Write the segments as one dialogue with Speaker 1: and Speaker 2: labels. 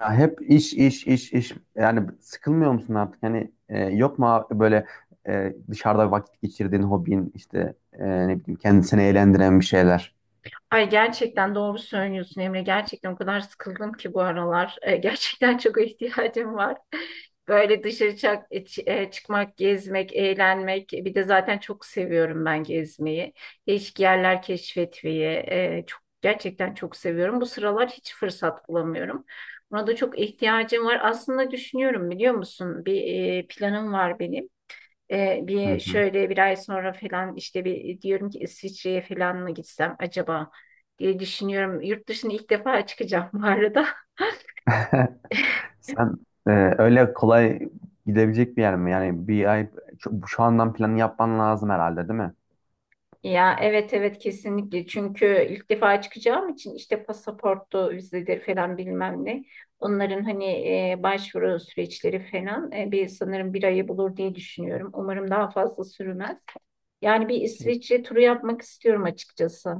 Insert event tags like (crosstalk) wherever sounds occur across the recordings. Speaker 1: Ya hep iş iş iş iş yani sıkılmıyor musun artık? Hani yok mu abi böyle dışarıda vakit geçirdiğin hobin işte ne bileyim kendini eğlendiren bir şeyler.
Speaker 2: Ay gerçekten doğru söylüyorsun Emre. Gerçekten o kadar sıkıldım ki bu aralar. Gerçekten çok ihtiyacım var. Böyle dışarı çak, e, çı- e, çıkmak, gezmek, eğlenmek. Bir de zaten çok seviyorum ben gezmeyi. Değişik yerler keşfetmeyi. Çok gerçekten çok seviyorum. Bu sıralar hiç fırsat bulamıyorum. Buna da çok ihtiyacım var. Aslında düşünüyorum biliyor musun? Planım var benim. E,
Speaker 1: Hı
Speaker 2: bir
Speaker 1: hı.
Speaker 2: Şöyle bir ay sonra falan işte bir diyorum ki İsviçre'ye falan mı gitsem acaba diye düşünüyorum. Yurt dışına ilk defa çıkacağım bu arada. (laughs)
Speaker 1: (laughs) Sen e, öyle kolay gidebilecek bir yer mi? Yani bir ay şu andan planı yapman lazım herhalde değil mi?
Speaker 2: Ya evet, evet, kesinlikle çünkü ilk defa çıkacağım için işte pasaportu, vizeleri falan bilmem ne. Onların hani başvuru süreçleri falan, bir sanırım bir ayı bulur diye düşünüyorum. Umarım daha fazla sürmez. Yani bir
Speaker 1: Şey,
Speaker 2: İsviçre turu yapmak istiyorum açıkçası.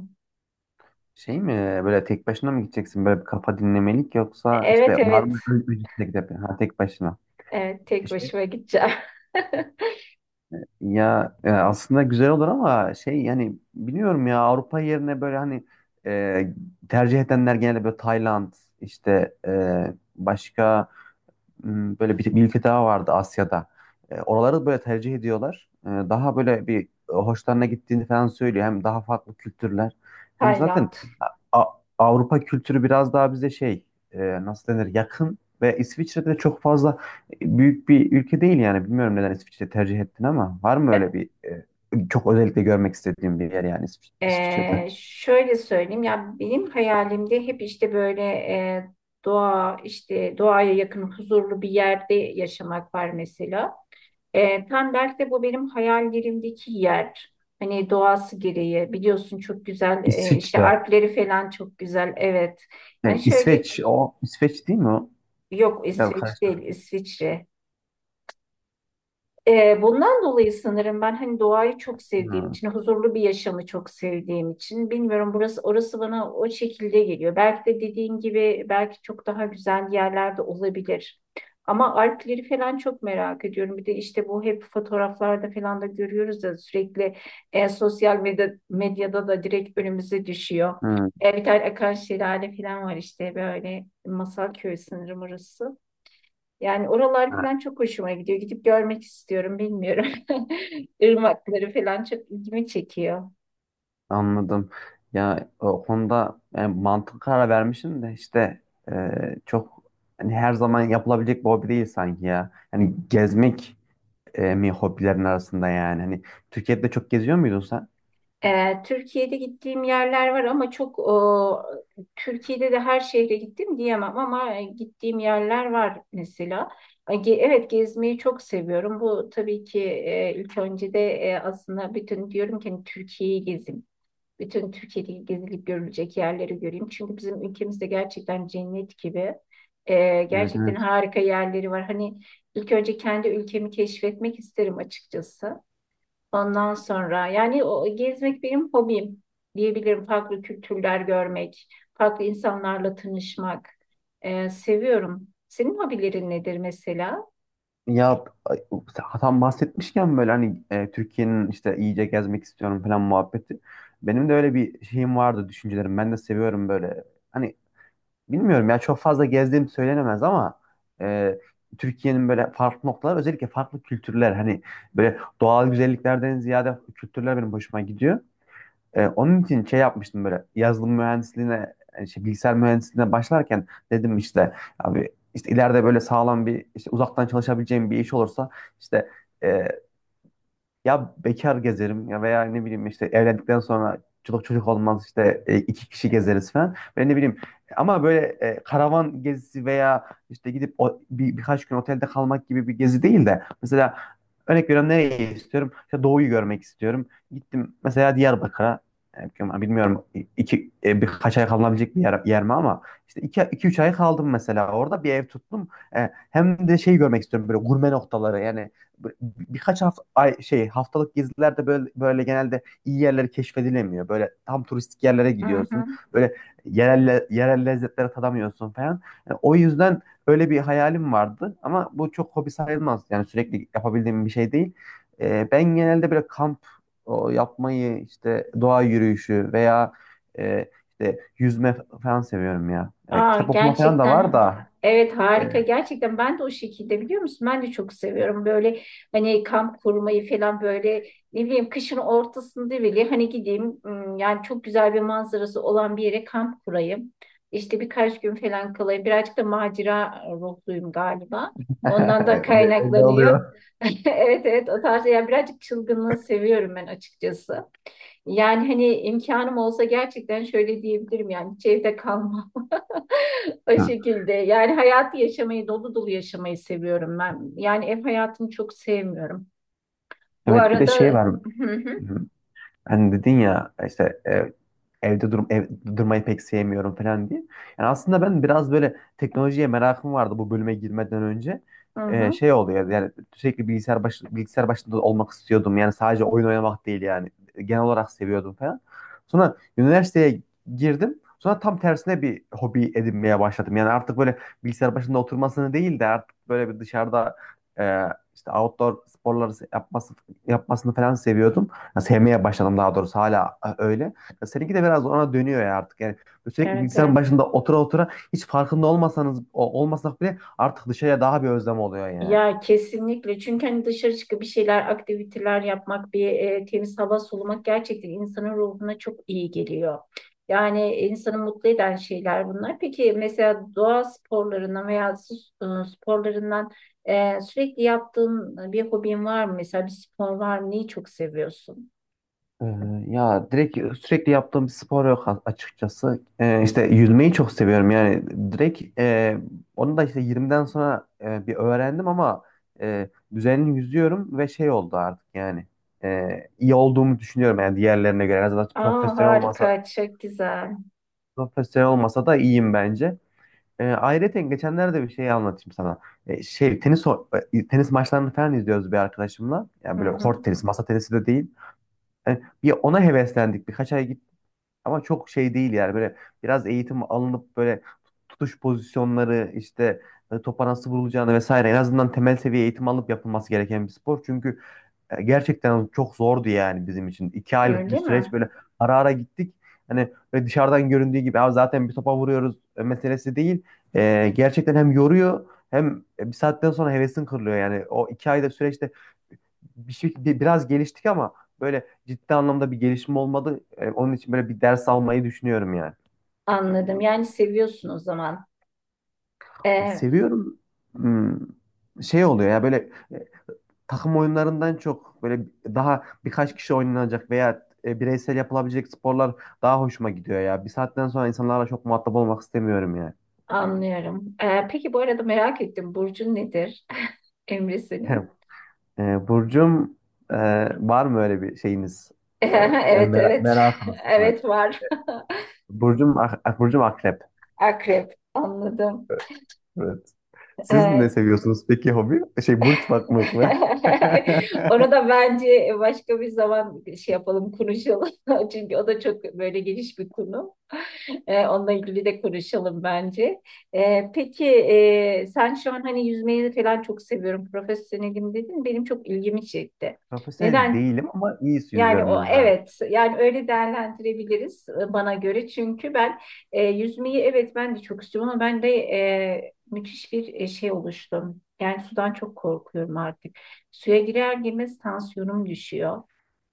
Speaker 1: şey mi böyle tek başına mı gideceksin böyle bir kafa dinlemelik yoksa işte
Speaker 2: Evet,
Speaker 1: var
Speaker 2: evet,
Speaker 1: mı öncesinde gidip ha, tek başına.
Speaker 2: evet,
Speaker 1: E,
Speaker 2: tek
Speaker 1: Şey
Speaker 2: başıma gideceğim. (laughs)
Speaker 1: Ya aslında güzel olur ama şey yani biliyorum ya Avrupa yerine böyle hani e, tercih edenler genelde böyle Tayland işte başka Hmm, böyle bir ülke daha vardı Asya'da. Oraları böyle tercih ediyorlar. Daha böyle bir hoşlarına gittiğini falan söylüyor. Hem daha farklı kültürler. Hem zaten
Speaker 2: Tayland.
Speaker 1: A- Avrupa kültürü biraz daha bize şey e, nasıl denir, yakın ve İsviçre'de de çok fazla büyük bir ülke değil yani. Bilmiyorum neden İsviçre tercih ettin ama var mı
Speaker 2: Be-
Speaker 1: öyle bir çok özellikle görmek istediğim bir yer yani İsviçre'de?
Speaker 2: Şöyle söyleyeyim ya, benim hayalimde hep işte böyle, doğa, işte doğaya yakın huzurlu bir yerde yaşamak var mesela. Tam belki de bu benim hayallerimdeki yer. Hani doğası gereği biliyorsun çok güzel, işte
Speaker 1: İsviçre.
Speaker 2: Alpleri falan çok güzel, evet. Yani
Speaker 1: Şey,
Speaker 2: şöyle,
Speaker 1: İsveç o, İsveç değil mi o?
Speaker 2: yok
Speaker 1: Biraz
Speaker 2: İsveç değil,
Speaker 1: karıştırdım.
Speaker 2: İsviçre. Bundan dolayı sanırım ben hani doğayı çok sevdiğim
Speaker 1: Hmm,
Speaker 2: için, huzurlu bir yaşamı çok sevdiğim için bilmiyorum burası orası bana o şekilde geliyor. Belki de dediğin gibi belki çok daha güzel yerlerde olabilir. Ama Alpleri falan çok merak ediyorum. Bir de işte bu hep fotoğraflarda falan da görüyoruz ya sürekli, sosyal medya, medyada da direkt önümüze düşüyor.
Speaker 1: hmm.
Speaker 2: Bir tane akan şelale falan var, işte böyle masal köyü sanırım orası. Yani oralar
Speaker 1: Ha,
Speaker 2: falan çok hoşuma gidiyor. Gidip görmek istiyorum, bilmiyorum. (laughs) Irmakları falan çok ilgimi çekiyor.
Speaker 1: anladım. Ya o konuda yani mantık karar vermişim de işte çok hani her zaman yapılabilecek bir hobi değil sanki ya. Hani gezmek mi hobilerin arasında yani? Hani Türkiye'de çok geziyor muydun sen?
Speaker 2: Türkiye'de gittiğim yerler var ama çok o, Türkiye'de de her şehre gittim diyemem ama gittiğim yerler var mesela. Evet, gezmeyi çok seviyorum. Bu tabii ki, ilk önce de aslında bütün diyorum ki hani Türkiye'yi gezin. Bütün Türkiye'deki gezilip görülecek yerleri göreyim. Çünkü bizim ülkemizde gerçekten cennet gibi.
Speaker 1: Evet,
Speaker 2: Gerçekten
Speaker 1: evet.
Speaker 2: harika yerleri var. Hani ilk önce kendi ülkemi keşfetmek isterim açıkçası. Ondan sonra yani o gezmek benim hobim diyebilirim. Farklı kültürler görmek, farklı insanlarla tanışmak seviyorum. Senin hobilerin nedir mesela?
Speaker 1: Ya ay, tam bahsetmişken böyle hani Türkiye'nin işte iyice gezmek istiyorum falan muhabbeti. Benim de öyle bir şeyim vardı, düşüncelerim. Ben de seviyorum böyle. Hani bilmiyorum ya çok fazla gezdiğim söylenemez ama e, Türkiye'nin böyle farklı noktalar, özellikle farklı kültürler hani böyle doğal güzelliklerden ziyade kültürler benim hoşuma gidiyor. Onun için şey yapmıştım, böyle yazılım mühendisliğine bilgisayar mühendisliğine başlarken dedim işte abi işte ileride böyle sağlam bir, işte uzaktan çalışabileceğim bir iş olursa işte e, ya bekar gezerim ya veya ne bileyim işte evlendikten sonra çocuk olmaz işte iki kişi gezeriz falan. Ben ne bileyim ama böyle karavan gezisi veya işte gidip o, birkaç gün otelde kalmak gibi bir gezi değil de, mesela örnek veriyorum, nereye istiyorum? İşte doğuyu görmek istiyorum. Gittim mesela Diyarbakır'a e, bilmiyorum, iki birkaç ay kalınabilecek bir yer mi ama işte iki üç ay kaldım mesela, orada bir ev tuttum. Hem de şey görmek istiyorum, böyle gurme noktaları yani bir- birkaç hafta ay şey haftalık gezilerde böyle böyle genelde iyi yerleri keşfedilemiyor. Böyle tam turistik yerlere
Speaker 2: Hı
Speaker 1: gidiyorsun.
Speaker 2: hı.
Speaker 1: Böyle yerel lezzetlere tadamıyorsun falan. Yani o yüzden öyle bir hayalim vardı ama bu çok hobi sayılmaz. Yani sürekli yapabildiğim bir şey değil. Ben genelde böyle kamp o, yapmayı, işte doğa yürüyüşü veya e, işte yüzme falan seviyorum ya. Yani
Speaker 2: Aa,
Speaker 1: kitap okuma falan da
Speaker 2: gerçekten,
Speaker 1: var da
Speaker 2: evet
Speaker 1: e,
Speaker 2: harika, gerçekten ben de o şekilde biliyor musun, ben de çok seviyorum böyle hani kamp kurmayı falan, böyle ne bileyim kışın ortasında bile hani gideyim, yani çok güzel bir manzarası olan bir yere kamp kurayım, işte birkaç gün falan kalayım, birazcık da macera ruhluyum galiba, ondan da
Speaker 1: (laughs) belli
Speaker 2: kaynaklanıyor.
Speaker 1: oluyor.
Speaker 2: (laughs) Evet, evet, o tarz yani, birazcık çılgınlığı seviyorum ben açıkçası. Yani hani imkanım olsa gerçekten şöyle diyebilirim, yani hiç evde kalmam o
Speaker 1: Hı.
Speaker 2: şekilde. Yani hayatı yaşamayı, dolu dolu yaşamayı seviyorum ben. Yani ev hayatını çok sevmiyorum. Bu
Speaker 1: Evet, bir de şey
Speaker 2: arada.
Speaker 1: var.
Speaker 2: Hı hı,
Speaker 1: Hı. Hani dedin ya işte evde durmayı pek sevmiyorum falan diye. Yani aslında ben biraz böyle teknolojiye merakım vardı bu bölüme girmeden önce.
Speaker 2: hı hı.
Speaker 1: Şey oluyor yani sürekli bilgisayar başında olmak istiyordum. Yani sadece oyun oynamak değil yani. Genel olarak seviyordum falan. Sonra üniversiteye girdim. Sonra tam tersine bir hobi edinmeye başladım. Yani artık böyle bilgisayar başında oturmasını değil de artık böyle bir dışarıda e, işte outdoor sporları yapmasını falan seviyordum. Ya sevmeye başladım daha doğrusu hala öyle. Ya seninki de biraz ona dönüyor ya artık. Yani böyle sürekli
Speaker 2: Evet,
Speaker 1: bilgisayarın
Speaker 2: evet.
Speaker 1: başında otura otura hiç farkında olmasak bile artık dışarıya daha bir özlem oluyor yani.
Speaker 2: Ya kesinlikle. Çünkü hani dışarı çıkıp bir şeyler, aktiviteler yapmak, bir temiz hava solumak gerçekten insanın ruhuna çok iyi geliyor. Yani insanı mutlu eden şeyler bunlar. Peki mesela doğa sporlarından veya su sporlarından, sürekli yaptığın bir hobin var mı? Mesela bir spor var mı? Neyi çok seviyorsun?
Speaker 1: Ee, Ya direkt sürekli yaptığım bir spor yok açıkçası. İşte yüzmeyi çok seviyorum yani direkt onu da işte 20'den sonra bir öğrendim ama düzenli yüzüyorum ve şey oldu artık yani e, iyi olduğumu düşünüyorum yani diğerlerine göre. En azından
Speaker 2: Aa, harika, çok güzel.
Speaker 1: profesyonel olmasa da iyiyim bence. Ayrıca geçenlerde bir şey anlatayım sana. Tenis maçlarını falan izliyoruz bir arkadaşımla.
Speaker 2: Hı
Speaker 1: Yani böyle
Speaker 2: hı.
Speaker 1: kort tenisi, masa tenisi de değil. Bir ona heveslendik. Birkaç ay git, ama çok şey değil yani, böyle biraz eğitim alınıp böyle tutuş pozisyonları işte topa nasıl vurulacağını vesaire, en azından temel seviye eğitim alıp yapılması gereken bir spor. Çünkü gerçekten çok zordu yani bizim için. İki aylık bir
Speaker 2: Öyle mi?
Speaker 1: süreç böyle ara ara gittik. Hani böyle dışarıdan göründüğü gibi "abi zaten bir topa vuruyoruz meselesi" değil. Gerçekten hem yoruyor hem bir saatten sonra hevesin kırılıyor. Yani o iki ayda süreçte biraz geliştik ama böyle ciddi anlamda bir gelişme olmadı. Onun için böyle bir ders almayı düşünüyorum yani.
Speaker 2: Anladım. Yani seviyorsun o zaman. Ee,
Speaker 1: Seviyorum. Hmm, şey oluyor ya böyle takım oyunlarından çok, böyle daha birkaç kişi oynanacak veya bireysel yapılabilecek sporlar daha hoşuma gidiyor ya. Bir saatten sonra insanlarla çok muhatap olmak istemiyorum ya.
Speaker 2: Anlıyorum. Peki bu arada merak ettim. Burcun nedir? (laughs) Emre senin.
Speaker 1: (laughs) Burcum e, var mı öyle bir şeyiniz?
Speaker 2: (laughs)
Speaker 1: E, Yani
Speaker 2: Evet, evet.
Speaker 1: merakınız
Speaker 2: (laughs)
Speaker 1: mı?
Speaker 2: Evet, var.
Speaker 1: Burcum akrep.
Speaker 2: (laughs) Akrep. Anladım.
Speaker 1: Evet. Siz ne
Speaker 2: Ee, (laughs)
Speaker 1: seviyorsunuz peki hobi? Şey, burç bakmak mı? (laughs)
Speaker 2: Onu da bence başka bir zaman şey yapalım, konuşalım. (laughs) Çünkü o da çok böyle geniş bir konu. Onunla ilgili de konuşalım bence. Sen şu an hani yüzmeyi falan çok seviyorum. Profesyonelim dedin. Benim çok ilgimi çekti.
Speaker 1: Profesyonel
Speaker 2: Neden.
Speaker 1: değilim ama iyi
Speaker 2: Yani
Speaker 1: yüzüyorum
Speaker 2: o,
Speaker 1: yüzme.
Speaker 2: evet yani öyle değerlendirebiliriz, bana göre çünkü ben yüzmeyi, evet ben de çok istiyorum ama ben de müthiş bir şey oluştum. Yani sudan çok korkuyorum artık. Suya girer girmez tansiyonum düşüyor.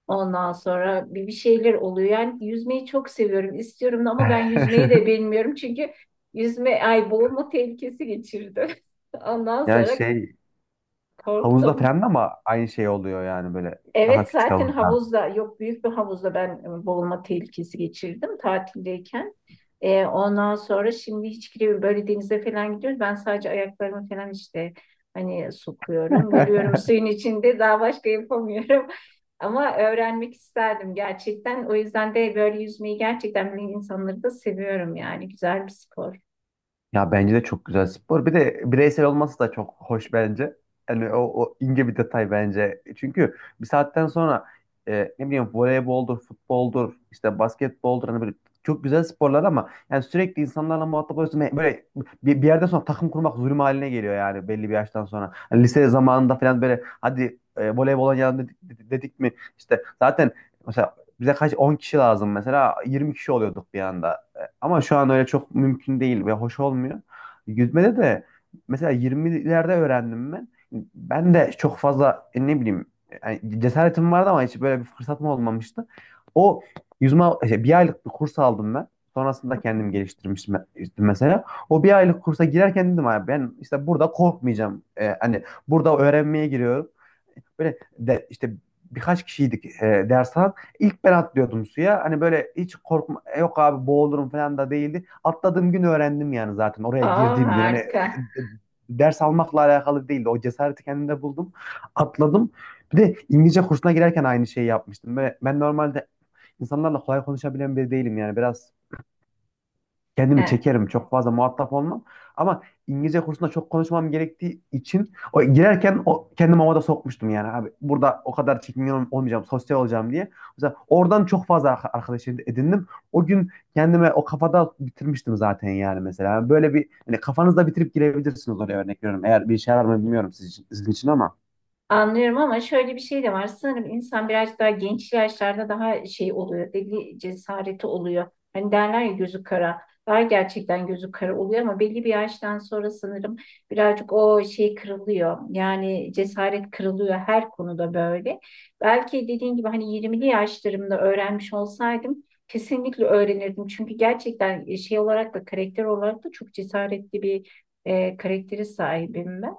Speaker 2: Ondan sonra bir şeyler oluyor. Yani yüzmeyi çok seviyorum, istiyorum da ama ben yüzmeyi de
Speaker 1: (laughs)
Speaker 2: bilmiyorum çünkü yüzme, ay, boğulma tehlikesi geçirdim. (laughs) Ondan
Speaker 1: Yani
Speaker 2: sonra
Speaker 1: şey, havuzda
Speaker 2: korktum.
Speaker 1: falan da ama aynı şey oluyor yani, böyle daha
Speaker 2: Evet,
Speaker 1: küçük
Speaker 2: zaten
Speaker 1: havuzlar.
Speaker 2: havuzda yok, büyük bir havuzda ben boğulma tehlikesi geçirdim tatildeyken. Ondan sonra şimdi hiç giremiyorum. Böyle denize falan gidiyoruz. Ben sadece ayaklarımı falan işte hani sokuyorum,
Speaker 1: (laughs)
Speaker 2: yürüyorum suyun içinde, daha başka yapamıyorum. (laughs) Ama öğrenmek isterdim gerçekten. O yüzden de böyle yüzmeyi gerçekten bilen insanları da seviyorum yani. Güzel bir spor.
Speaker 1: Ya bence de çok güzel spor. Bir de bireysel olması da çok hoş bence. Yani o, o ince bir detay bence. Çünkü bir saatten sonra ne bileyim voleyboldur, futboldur, işte basketboldur, hani böyle çok güzel sporlar ama yani sürekli insanlarla muhatap oluyorsun. Ve böyle bir yerden sonra takım kurmak zulüm haline geliyor yani belli bir yaştan sonra. Hani lise zamanında falan böyle hadi voleybol dedik mi işte zaten mesela bize kaç 10 kişi lazım, mesela 20 kişi oluyorduk bir anda ama şu an öyle çok mümkün değil ve hoş olmuyor. Yüzmede de mesela 20'lerde öğrendim ben. Ben de çok fazla ne bileyim, yani cesaretim vardı ama hiç böyle bir fırsatım olmamıştı. O yüzme şey, bir aylık bir kurs aldım ben. Sonrasında kendim geliştirmiştim işte mesela. O bir aylık kursa girerken dedim abi ben işte burada korkmayacağım. Hani burada öğrenmeye giriyorum. Böyle de, işte birkaç kişiydik e, ders İlk ben atlıyordum suya. Hani böyle hiç korkma, "e, yok abi boğulurum" falan da değildi. Atladığım gün öğrendim yani, zaten oraya
Speaker 2: Aa,
Speaker 1: girdiğim gün hani
Speaker 2: harika.
Speaker 1: e, ders almakla alakalı değildi. O cesareti kendimde buldum. Atladım. Bir de İngilizce kursuna girerken aynı şeyi yapmıştım. Böyle ben normalde insanlarla kolay konuşabilen biri değilim yani. Biraz kendimi
Speaker 2: Ee,
Speaker 1: çekerim. Çok fazla muhatap olmam. Ama İngilizce kursunda çok konuşmam gerektiği için o girerken o kendimi havada sokmuştum yani abi. Burada o kadar çekingen olmayacağım, sosyal olacağım diye. Mesela oradan çok fazla arkadaş edindim. O gün kendime o kafada bitirmiştim zaten yani mesela. Böyle bir, hani kafanızda bitirip girebilirsiniz oraya, örnek veriyorum. Eğer bir işe yarar mı bilmiyorum sizin için ama.
Speaker 2: Anlıyorum ama şöyle bir şey de var. Sanırım insan biraz daha genç yaşlarda daha şey oluyor. Belli cesareti oluyor. Hani derler ya, gözü kara. Daha gerçekten gözü kara oluyor ama belli bir yaştan sonra sanırım birazcık o şey kırılıyor. Yani cesaret kırılıyor her konuda böyle. Belki dediğin gibi hani 20'li yaşlarımda öğrenmiş olsaydım kesinlikle öğrenirdim. Çünkü gerçekten şey olarak da karakter olarak da çok cesaretli bir karaktere sahibim ben.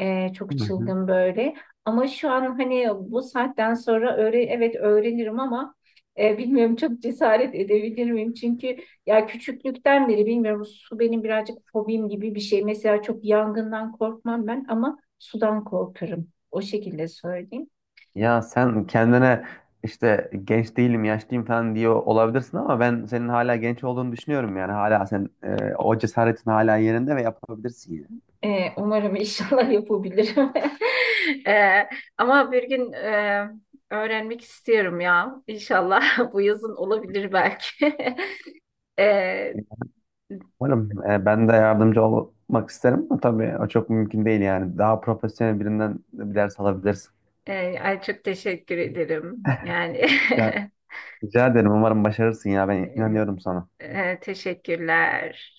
Speaker 2: Çok
Speaker 1: Hı hı.
Speaker 2: çılgın böyle. Ama şu an hani bu saatten sonra evet öğrenirim ama bilmiyorum, çok cesaret edebilir miyim? Çünkü ya, küçüklükten beri bilmiyorum, su benim birazcık fobim gibi bir şey. Mesela çok yangından korkmam ben ama sudan korkarım. O şekilde söyleyeyim.
Speaker 1: Ya sen kendine işte genç değilim, yaşlıyım falan diyor olabilirsin ama ben senin hala genç olduğunu düşünüyorum yani. Hala sen o cesaretin hala yerinde ve yapabilirsin yani.
Speaker 2: Umarım inşallah (laughs) yapabilirim. (laughs) Ee, Ama bir gün öğrenmek istiyorum ya. İnşallah (laughs) bu yazın olabilir belki. (laughs) Ee,
Speaker 1: Umarım, ben de yardımcı olmak isterim ama tabii o çok mümkün değil yani. Daha profesyonel birinden bir ders alabilirsin.
Speaker 2: Ay çok teşekkür ederim. Yani
Speaker 1: Ya,
Speaker 2: (laughs)
Speaker 1: rica ederim, umarım başarırsın ya, ben
Speaker 2: e,
Speaker 1: inanıyorum sana.
Speaker 2: teşekkürler.